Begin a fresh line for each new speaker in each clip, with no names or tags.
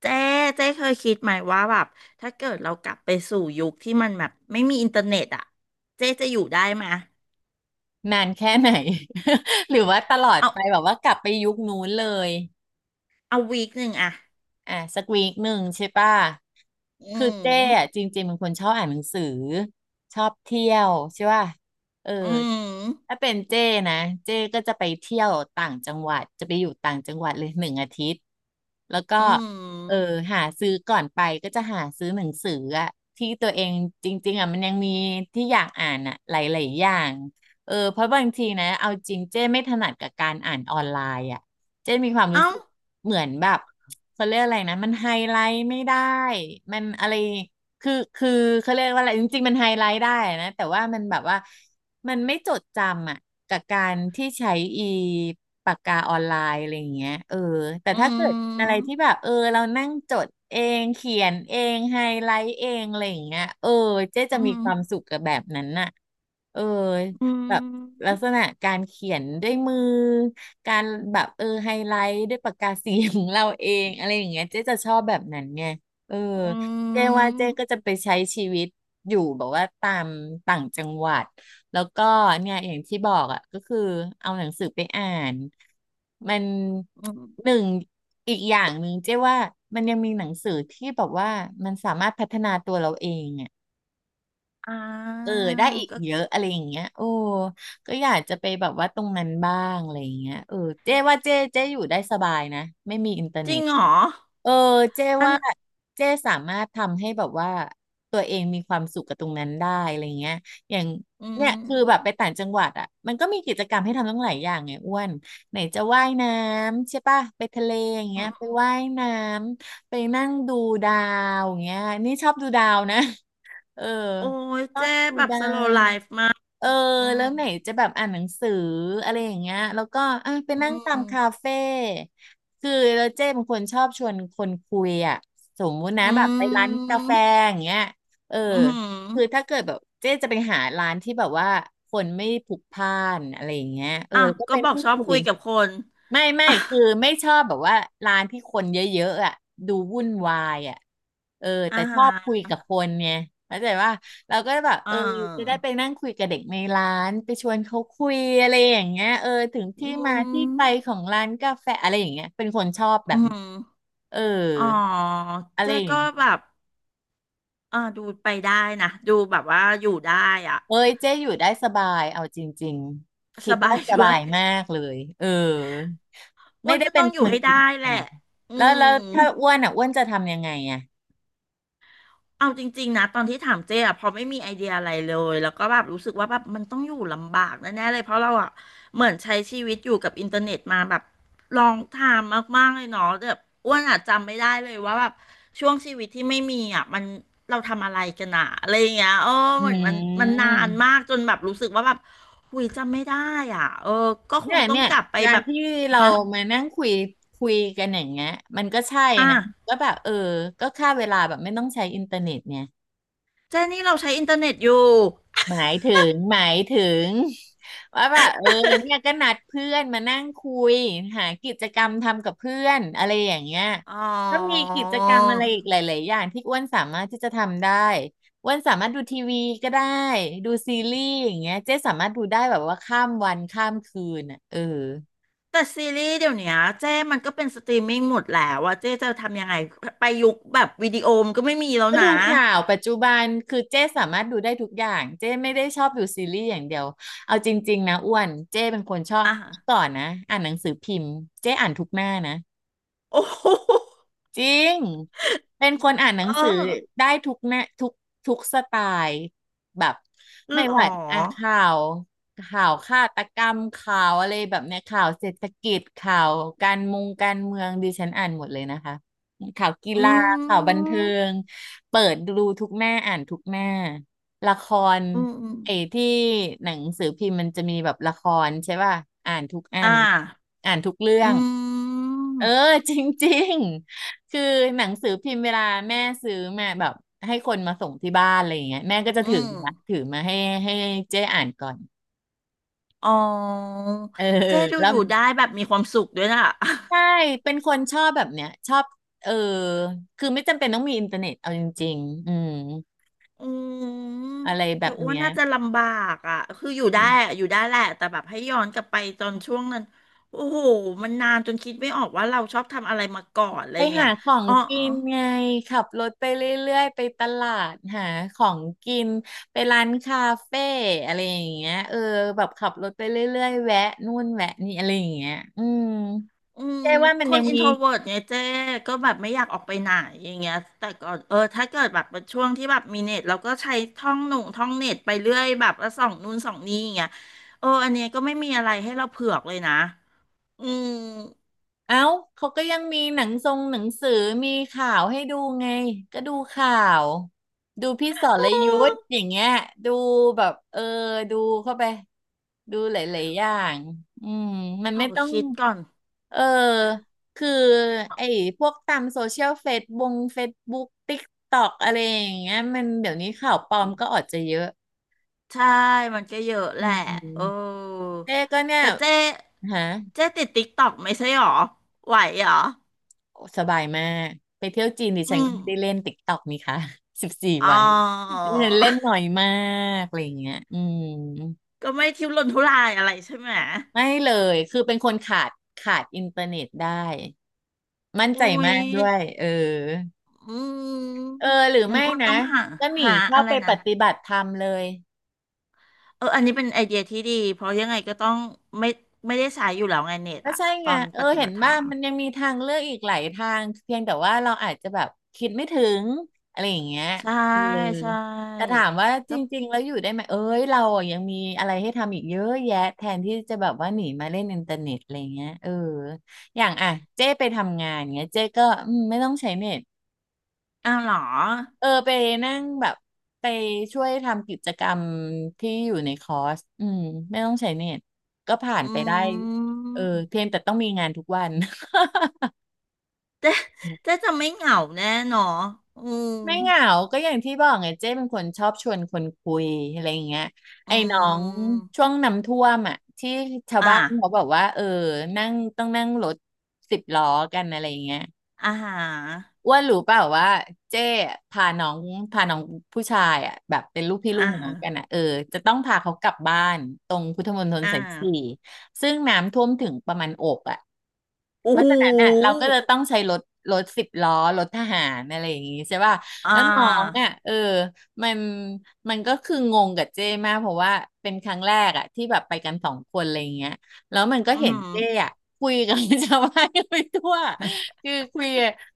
เจ๊เจ๊เคยคิดไหมว่าแบบถ้าเกิดเรากลับไปสู่ยุคที่มันแบบไม่มีอินเทอร์เน็ตอ่ะเจ๊จะอยู่ได้ไหมย
นานแค่ไหน หรือว่าตลอด
เอา
ไปแบบว่ากลับไปยุคนู้นเลย
เอาวีคหนึ่งอ่ะ
อ่ะสักวีคหนึ่งใช่ป่ะ
อื
คือ
ม
เจ้อะจริงๆเป็นคนชอบอ่านหนังสือชอบเที่ยวใช่ป่ะเออ
อืม
ถ้าเป็นเจ้นะเจ้ก็จะไปเที่ยวต่างจังหวัดจะไปอยู่ต่างจังหวัดเลยหนึ่งอาทิตย์แล้วก็
อื
เออ
ม
หาซื้อก่อนไปก็จะหาซื้อหนังสืออะที่ตัวเองจริงๆอะมันยังมีที่อยากอ่านอะหลายๆอย่างเออเพราะบางทีนะเอาจริงเจ้ไม่ถนัดกับการอ่านออนไลน์อะเจ๊มีความรู้
เอ้า
สึกเหมือนแบบ เขาเรียกอะไรนะมันไฮไลท์ไม่ได้มันอะไรคือเขาเรียกว่าอะไรจริงๆมันไฮไลท์ได้นะแต่ว่ามันแบบว่ามันไม่จดจำอ่ะกับการที่ใช้อีปากกาออนไลน์อะไรอย่างเงี้ยเออแต่
อื
ถ้าเกิดอะไร
ม
ที่แบบเออเรานั่งจดเองเขียนเองไฮไลท์เองอะไรอย่างเงี้ยเออเจ๊จะ
อื
มี
ม
ความสุขกับแบบนั้นน่ะเออ
อื
แบบ ลั
ม
กษณะการเขียนด้วยมือการแบบเออไฮไลท์ด้วยปากกาสีของเราเองอะไรอย่างเงี้ยเจ๊จะชอบแบบนั้นไงเออ
อื
เจ๊ว่า
ม
เจ๊ก็จะไปใช้ชีวิตอยู่แบบว่าตามต่างจังหวัดแล้วก็เนี่ยอย่างที่บอกอ่ะก็คือเอาหนังสือไปอ่านมัน
อื
ห
ม
นึ่งอีกอย่างหนึ่งเจ๊ว่ามันยังมีหนังสือที่แบบว่ามันสามารถพัฒนาตัวเราเองอ่ะ
อ่
เอ
า
อได้อีก
ก็
เยอะอะไรอย่างเงี้ยโอ้ก็อยากจะไปแบบว่าตรงนั้นบ้างอะไรอย่างเงี้ยเออเจ๊ว่าเจ๊อยู่ได้สบายนะไม่มีอินเทอร์
จ
เน็
ริง
ต
เหรอ
เออเจ๊
อัน
ว่าเจ๊สามารถทำให้แบบว่าตัวเองมีความสุขกับตรงนั้นได้อะไรเงี้ยอย่าง
อื
เนี่ยคือแบบไป
ม
ต่างจังหวัดอ่ะมันก็มีกิจกรรมให้ทำตั้งหลายอย่างไงอ้วนไหนจะว่ายน้ำใช่ป่ะไปทะเลอย่าง
อื
เงี้ย
ม
ไปว่ายน้ำไปนั่งดูดาวอย่างเงี้ยนี่ชอบดูดาวนะ เออ
โอ้ย
ชอ
เจ๊
บดู
แบบ
ดา
สโล w l ไล
ว
ฟ์มาก
เออ
อืม
แล้วไหนจะแบบอ่านหนังสืออะไรอย่างเงี้ยแล้วก็อ่ะไป
อื
นั่งตา
ม
มคาเฟ่คือแล้วเจ้เป็นคนชอบชวนคนคุยอ่ะสมมุตินะ
อื
แบบไปร้านกาแฟ
ม
อย่างเงี้ยเออ
อือือ
คือถ้าเกิดแบบเจ๊จะไปหาร้านที่แบบว่าคนไม่พลุกพล่านอะไรอย่างเงี้ยเออ
อ้าว
แล้วก็
ก็
ไป
บอก
นั่ง
ชอบ
คุ
คุ
ย
ยกับคน
ไม่
อ่ะ
คือไม่ชอบแบบว่าร้านที่คนเยอะๆอ่ะดูวุ่นวายอ่ะเออ
อา
แต่ช
หา
อบคุ
ร
ยกับคนไงเข้าใจว่าเราก็แบบ
เ
เออจะได้
ออ
ไปนั่งคุยกับเด็กในร้านไปชวนเขาคุยอะไรอย่างเงี้ยเออถึง
อื
ที่มา
ม
ที่ไปของร้านกาแฟอะไรอย่างเงี้ยเป็นคนชอบแบ
อื
บนั้น
ม
เออ
อ๋อ
อะไร
เจ๊
อย่า
ก็
งเงี้
แบ
ย
บเออดูไปได้นะดูแบบว่าอยู่ได้อ่ะ
เอ้ยเจ๊อยู่ได้สบายเอาจริงๆคิ
ส
ด
บา
ว่า
ย
ส
ด้
บา
วย
ยมากเลยเออ
อ้
ไม่
วน
ได้
ก็
เป็
ต้อ
น
งอ
ค
ยู่
น
ให้
ผิ
ได้
ด
แหละ
นะ
อื
แล้วแล้
ม
วถ้าอ้วนอ่ะอ้วนจะทำยังไงอ่ะ
เอาจริงๆนะตอนที่ถามเจ๊อะพอไม่มีไอเดียอะไรเลยแล้วก็แบบรู้สึกว่าแบบมันต้องอยู่ลำบากแน่ๆเลยเพราะเราอะเหมือนใช้ชีวิตอยู่กับอินเทอร์เน็ตมาแบบลองทามมากๆเลยเนาะแบบอ้วนอะจำไม่ได้เลยว่าแบบช่วงชีวิตที่ไม่มีอะมันเราทำอะไรกันอะอะไรอย่างเงี้ยเออ
อื
เหมือนมันนานมาก
ม
จนแบบรู้สึกว่าแบบหุยจำไม่ได้อ่ะเออก็ค
เนี่
ง
ย
ต้อง
เนี่ย
กลับไป
กา
แบ
ร
บ
ที่เรา
ฮะ
มานั่งคุยคุยกันอย่างเงี้ยมันก็ใช่
อ่ะ
นะก็แบบเออก็ฆ่าเวลาแบบไม่ต้องใช้อินเทอร์เน็ตไง
เจ๊นี่เราใช้อินเทอร์เน็ตอยู่
หมายถึงว่าแบบเออเนี่ยก็นัดเพื่อนมานั่งคุยหากิจกรรมทำกับเพื่อนอะไรอย่างเงี้ย
อ๋อ
ก็มีกิจกรรมอะไรอีกหลายๆอย่างที่อ้วนสามารถที่จะทำได้อ้วนสามารถดูทีวีก็ได้ดูซีรีส์อย่างเงี้ยเจ๊สามารถดูได้แบบว่าข้ามวันข้ามคืนอ่ะเออ
แต่ซีรีส์เดี๋ยวเนี้ยเจ้มันก็เป็นสตรีมมิ่งหมดแล้วว่าเจ้จะทำยังไงไปยุคแบบวิดีโอมนก็ไม่มีแล้ว
ก็
นะ
ดูข่าวปัจจุบันคือเจ้สามารถดูได้ทุกอย่างเจ้ไม่ได้ชอบดูซีรีส์อย่างเดียวเอาจริงๆนะอ้วนเจ้เป็นคนชอบ
อ่ะ
ก่อนนะอ่านหนังสือพิมพ์เจ้อ่านทุกหน้านะ
โอ้ โห
จริง เป็นคนอ่านหนัง
เอ
สือ
อ
ได้ทุกแนทุกทุกสไตล์แบบ
ห
ไม่
รอ
ว่าอ่ะข่าวฆาตกรรมข่าวอะไรแบบเนี้ยข่าวเศรษฐกิจข่าวการมงการเมืองดิฉันอ่านหมดเลยนะคะข่าวกี
อื
ฬาข่าวบัน
ม
เทิงเปิดดูทุกหน้าอ่านทุกหน้าละคร
อืมอม
ไอ้ที่หนังสือพิมพ์มันจะมีแบบละครใช่ป่ะอ่านทุกอั
อ่า
นอ่านทุกเรื่อ
อื
ง เออ
ม
จริงๆคือหนังสือพิมพ์เวลาแม่ซื้อมาแบบให้คนมาส่งที่บ้านอะไรอย่างเงี้ยแม่ก็จะ
อื
ถือ
ม
มาถือมาให้ให้เจ๊อ่านก่อน
อ๋อ
เออ
เจ้ดู
แล้
อ
ว
ยู่ได้แบบมีความสุขด้วยนะ
ใช่เป็นคนชอบแบบเนี้ยชอบเออคือไม่จำเป็นต้องมีอินเทอร์เน็ตเอาจริงๆอืม
อืม
อะไรแบ
แต่
บ
อ้วน
เนี้ย
น่าจะลำบากอ่ะคืออยู่ได้อะอยู่ได้แหละแต่แบบให้ย้อนกลับไปตอนช่วงนั้นโอ้โหมันนานจนคิดไม่ออกว่าเราชอบทำอะไรมาก่อนอะไร
ไป
เงี้
หา
ย
ของ
อ๋อ
กินไงขับรถไปเรื่อยๆไปตลาดหาของกินไปร้านคาเฟ่อะไรอย่างเงี้ยแบบขับรถไปเรื่อยๆแวะนู่นแวะนี่อะไรอย่างเงี้ย
อืม
ใช่ว่ามั
ค
นยั
น
ง
อิน
มี
โทรเวิร์ตไงเจ๊ก็แบบไม่อยากออกไปไหนอย่างเงี้ยแต่ก่อนเออถ้าเกิดแบบเป็นช่วงที่แบบมีเน็ตเราก็ใช้ท่องหนุ่งท่องเน็ตไปเรื่อยแบบแล้วส่องนู่นส่องนี่อย่างเงี้ยเอออันเนี้ยก็ไม่มีอะไรให้เราเผือกเลยนะอืม
เอ้า เขาก็ยังมีหนังทรงหนังสือมีข่าวให้ดูไงก็ดูข่าวดูพี่สรยุทธอย่างเงี้ยดูแบบดูเข้าไปดูหลายๆอย่างอืมมัน
ขอ
ไม่ต้อง
คิดก่อน
เออคือไอ้พวกตามโซเชียลเฟซบงเฟซบุ๊กติ๊กต็อกอะไรอย่างเงี้ยมันเดี๋ยวนี้ข่าวปลอมก็ออกจะเยอะ
ใช่มันก็เยอะแห
อื
ละเอ
ม
อ
เจ๊ก็เนี่ย
แต่เจ๊
ฮะ
เจ๊ติดติ๊กตอกไม่ใช่หรอ ไหวหรอ
โอ้สบายมากไปเที่ยวจีนดิฉั
อื
น
ม
ก็ไม่ได้เล่นติ๊กต็อกนี่ค่ะ สิบสี่
อ๋อ
วันดิฉันเล่นหน่อยมากอะไรอย่างเงี้ยอืม
ก็ไม่ทุรนทุรายอะไรใช่ไหม
ไม่เลยคือเป็นคนขาดอินเทอร์เน็ตได้มั่นใจ
อุ้
มา
ย
กด้วย
อื
เอ
ม
อหรือ
งั้น
ไม่
อ้วนต้
นะ
องหา
ก็หนี
หา
เข้า
อะไร
ไปป
นะ
ฏิบัติธรรมเลย
เอออันนี้เป็นไอเดียที่ดี เพราะยังไงก็ต้องไม่ไม่ได้ใช้อยู่แล้วไงเน็ต
ก็
อะ
ใช่
ต
ไง
อนปฏิ
เห็
บั
น
ติธร
บ้า
ร
ง
ม
มันยังมีทางเลือกอีกหลายทางเพียงแต่ว่าเราอาจจะแบบคิดไม่ถึงอะไรอย่างเงี้ย
ใช่
เออ
ใช่
แต่ถามว่าจ
ก็
ริงๆแล้วอยู่ได้ไหมเอ้ยเราอะยังมีอะไรให้ทำอีกเยอะแยะแทนที่จะแบบว่าหนีมาเล่นอินเทอร์เน็ตอะไรเงี้ยอย่างอ่ะเจ้ไปทำงานเงี้ยเจ้ก็อืมไม่ต้องใช้เน็ต
อ้าวเหรอ
ไปนั่งแบบไปช่วยทำกิจกรรมที่อยู่ในคอร์สอืมไม่ต้องใช้เน็ตก็ผ่าน
อ
ไปได้
ื
เออเพีย
ม
งแต่ต้องมีงานทุกวัน
เจ๊เจ๊จะไม่เหงาแน่เนอะอืม
ไม่เหงาก็อย่างที่บอกไงเจ้เป็นคนชอบชวนคนคุยอะไรอย่างเงี้ย
อื
ไอ้น้อง
ม
ช่วงน้ำท่วมอ่ะที่ชาว
อ่ะ
บ้านเขาบอกว่าต้องนั่งรถสิบล้อกันอะไรอย่างเงี้ย
อาหา
อ้วนรู้เปล่าว่าเจ้พาน้องพาน้องผู้ชายอ่ะแบบเป็นลูกพี่ลูก
อ่า
น้อ
หา
งกันอ่ะจะต้องพาเขากลับบ้านตรงพุทธมณฑล
อ่า
สายสี่ซึ่งน้ำท่วมถึงประมาณอกอ่ะ เพ
โอ้โห
ราะฉะนั้นน่ะเราก็จะต้องใช้รถสิบล้อรถทหารอะไรอย่างงี้ใช่ป่ะ
อ่
แล้วน้อง
า
อ่ะมันมันก็คืองงกับเจ้มากเพราะว่าเป็นครั้งแรกอ่ะที่แบบไปกันสองคนอะไรอย่างเงี้ยแล้วมันก็
อื
เห็นเจ้
ม
อ่ะคุยกับ ชาวบ้านไปทั่วคือคุย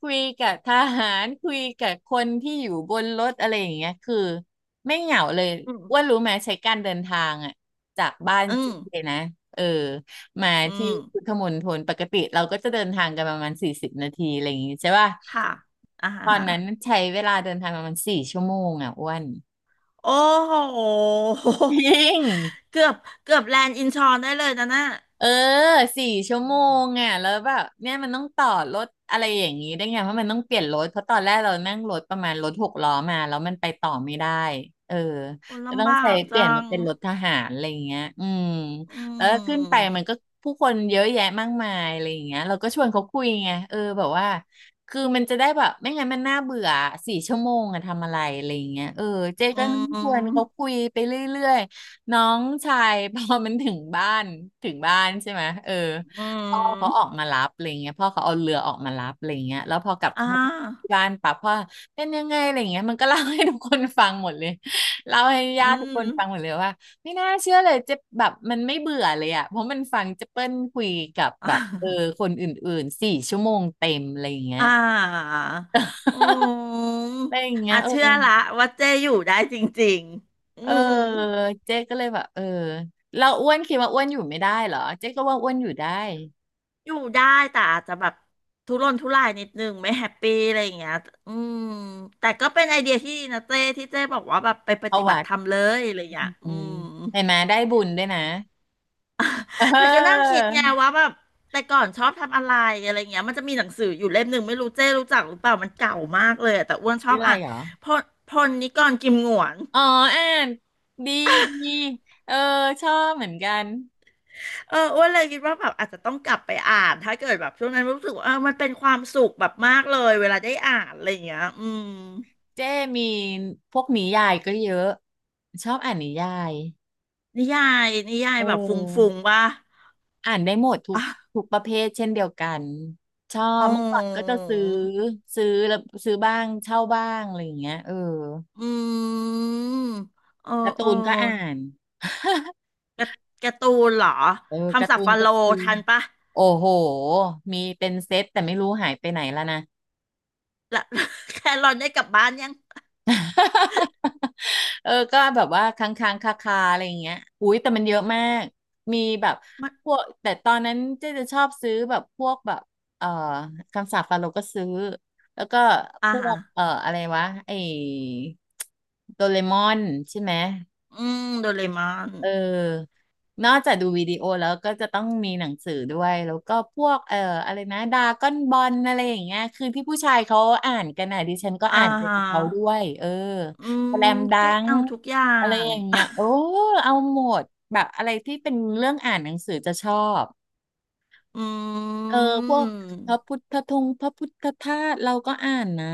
คุยกับทหารคุยกับคนที่อยู่บนรถอะไรอย่างเงี้ยคือไม่เหงาเลย
อืม
อ้ว่ารู้ไหมใช้การเดินทางอ่ะจากบ้าน
อื
เจ
ม
้นะเออ มา
อื
ที่
ม
พุทธมณฑลปกติเราก็จะเดินทางกันประมาณ40 นาทีอะไรอย่างงี้ใช่ป่ะ
ค่ะอา
ต
หา
อนนั้นใช้เวลาเดินทางประมาณสี่ชั่วโมงอ่ะอ้วน
โอ้โห
จริง
เกือบเกือบแลนด์อินชอนได้เลยนะน่ะ
เออ4 ชั่วโมงอ่ะแล้วแบบเนี่ยมันต้องต่อรถอะไรอย่างนี้ได้ไงเพราะมันต้องเปลี่ยนรถเพราะตอนแรกเรานั่งรถประมาณรถหกล้อมาแล้วมันไปต่อไม่ได้เออ
โอ้
ก็ต้อ
ลำ
ง
บา
ใช้
ก
เป
จั
ลี่ยนมา
ง
เป็นรถทหารอะไรอย่างเงี้ยอืม
อื
แล้วขึ้นไป
ม
มันก็ผู้คนเยอะแยะมากมายอะไรอย่างเงี้ยเราก็ชวนเขาคุยไงแบบว่าคือมันจะได้แบบไม่งั้นมันน่าเบื่อสี่ชั่วโมงอะทำอะไรอะไรอย่างเงี้ยเจ๊
อื
ก็นั่งชวนเขา
ม
คุยไปเรื่อย น้องชาย พอมันถึงบ้านถึงบ้านใช่ไหม
อื
พ่อเขาออก
ม
มารับอะไรเงี้ยพ่อเขาเอาเรือออกมารับอะไรเงี้ยแล้วพอกลับ
อ่
เข้า
า
บ้านปั๊บพ่อเป็นยังไงอะไรเงี้ยมันก็เล่าให้ทุกคนฟังหมดเลยเล่าให้
อื
ญาติทุกค
ม
นฟังหมดเลยว่าไม่น่าเชื่อเลยเจะแบบมันไม่เบื่อเลยอ่ะเพราะมันฟังเจเปิ้ลคุยกับแบบคนอื่นๆสี่ชั่วโมงเต็มอะไรเงี้ย
อ่าอืม
อะไรอย่างเงี้ย
อ่ะ
เออ
เชื่อละว่าเจ้อยู่ได้จริงๆอื
เออ
ม
เจ๊ก็เลยแบบเราอ้วนคิดว่าอ้วนอยู่ไม่ได้เหรอเจ๊ก็ว่าอ้วนอยู่ได้
อยู่ได้แต่อาจจะแบบทุรนทุรายนิดนึงไม่แฮปปี้อะไรอย่างเงี้ยอืมแต่ก็เป็นไอเดียที่ดีนะเจ้ที่เจ้บอกว่าแบบไปป
เข้า
ฏิบั
วั
ติ
ด
ธรรมเลยอะไรอย่างเงี้ย
อื
อื
ม
ม
เห็นไหมได้บุญด้วยนะเอ
แต่ก็นั่ง
อ
คิดไงว่าแบบแต่ก่อนชอบทำอะไรอะไรเงี้ยมันจะมีหนังสืออยู่เล่มหนึ่งไม่รู้เจ้รู้จักหรือเปล่ามันเก่ามากเลยอะแต่อ้วนชอ
ชื่อ
บ
อะไร
อ่าน
เหรอ
พลพลนิกรกิมหงวน
อ๋ออ่านดีดีเออชอบเหมือนกัน
เอออ้วนเลยคิดว่าแบบอาจจะต้องกลับไปอ่านถ้าเกิดแบบช่วงนั้นรู้สึกว่าเออมันเป็นความสุขแบบมากเลยเวลาได้อ่านอะไรอย่างเงี้ยอืม
เจ้มีพวกนิยายก็เยอะชอบอ่านนิยาย
นิยายนิยา
เ
ยแบบฟุ้
ออ
งๆว่า
อ่านได้หมดทุก
อะ
ทุกประเภทเช่นเดียวกันชอ
อ๋
บ
อ
เมื่อก่อนก็จะซื้อแล้วซื้อบ้างเช่าบ้างอะไรอย่างเงี้ย
อืมเออ
การ์
เอ
ตู
อ
นก็อ่าน
การ์การ์ตูนเหรอ
เออกา
คำ
ร์
ศั
ตู
พท์
น
ฟา
ก็
โล
ซื้อ
ทันปะ
โอ้โหมีเป็นเซตแต่ไม่รู้หายไปไหนแล้วนะ
และ แครอนได้กลับบ้านยัง
ก็แบบว่าค้างคาๆอะไรอย่างเงี้ยอุ้ยแต่มันเยอะมากมีแบบ
มัน
พวกแต่ตอนนั้นเจ๊จะชอบซื้อแบบพวกแบบเอ่อคำสาปฟาโรห์ก็ซื้อแล้วก็
อ่า
พว
ฮะ
กอะไรวะไอ้โดเรมอนใช่ไหม
อืมโดเรมอน
เออ นอกจากดูวิดีโอแล้วก็จะต้องมีหนังสือด้วยแล้วก็พวกอะไรนะดราก้อนบอลอะไรอย่างเงี้ยคือที่ผู้ชายเขาอ่านกันนะดิฉันก็
อ่า
อ่านไป
ฮะ
กับเขาด้วย
อื
สแล
ม
มดั
ได้
ง
เอาทุกอย่า
อะไร
ง
อย่างเงี้ยโอ้เอาหมดแบบอะไรที่เป็นเรื่องอ่านหนังสือจะชอบ
อื
เออพวกพระ
ม
พุทธธงพระพุทธธาตุเราก็อ่านนะ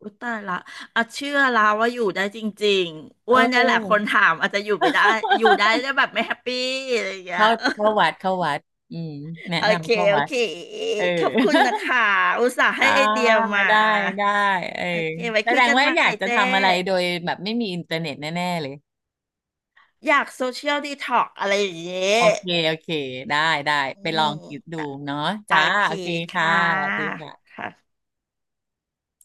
อุยตายละอ่ะเชื่อแล้วว่าอยู่ได้จริงๆอ้
เอ
วนเนี่ยแหละคน
อ
ถามอาจจะอยู่ไม่ได้ อยู่ได้แต่ แบบไม่แฮปปี้อะไรอย่างเงี้ย
เข้า เข้าวัดเข้าวัดอืมแนะ
โอเค
นำเข้า
โอ
วัด
เค
เออ
ขอบคุณนะคะ อุตส่าห์
อ่า
ให้ไอเดียมา
ได้ได้เออ
โอเค ไว้
แส
คุ
ด
ย
ง
กัน
ว่า
ใหม่
อยากจะ
เจ๊
ทำอะไรโดยแบบไม่มีอินเทอร์เน็ตแน่ๆเลย
อยากโซเชียลดีท็อกอะไรอย่างเงี้
โอ
ย
เคโอเคได้ได้
อื
ไปลองคิดดู
ม
เนาะ
โอ
จ้า
เค
โอเค
ค
ค่ะสวัส
่ะ
ดีค่ะ
ค่ะ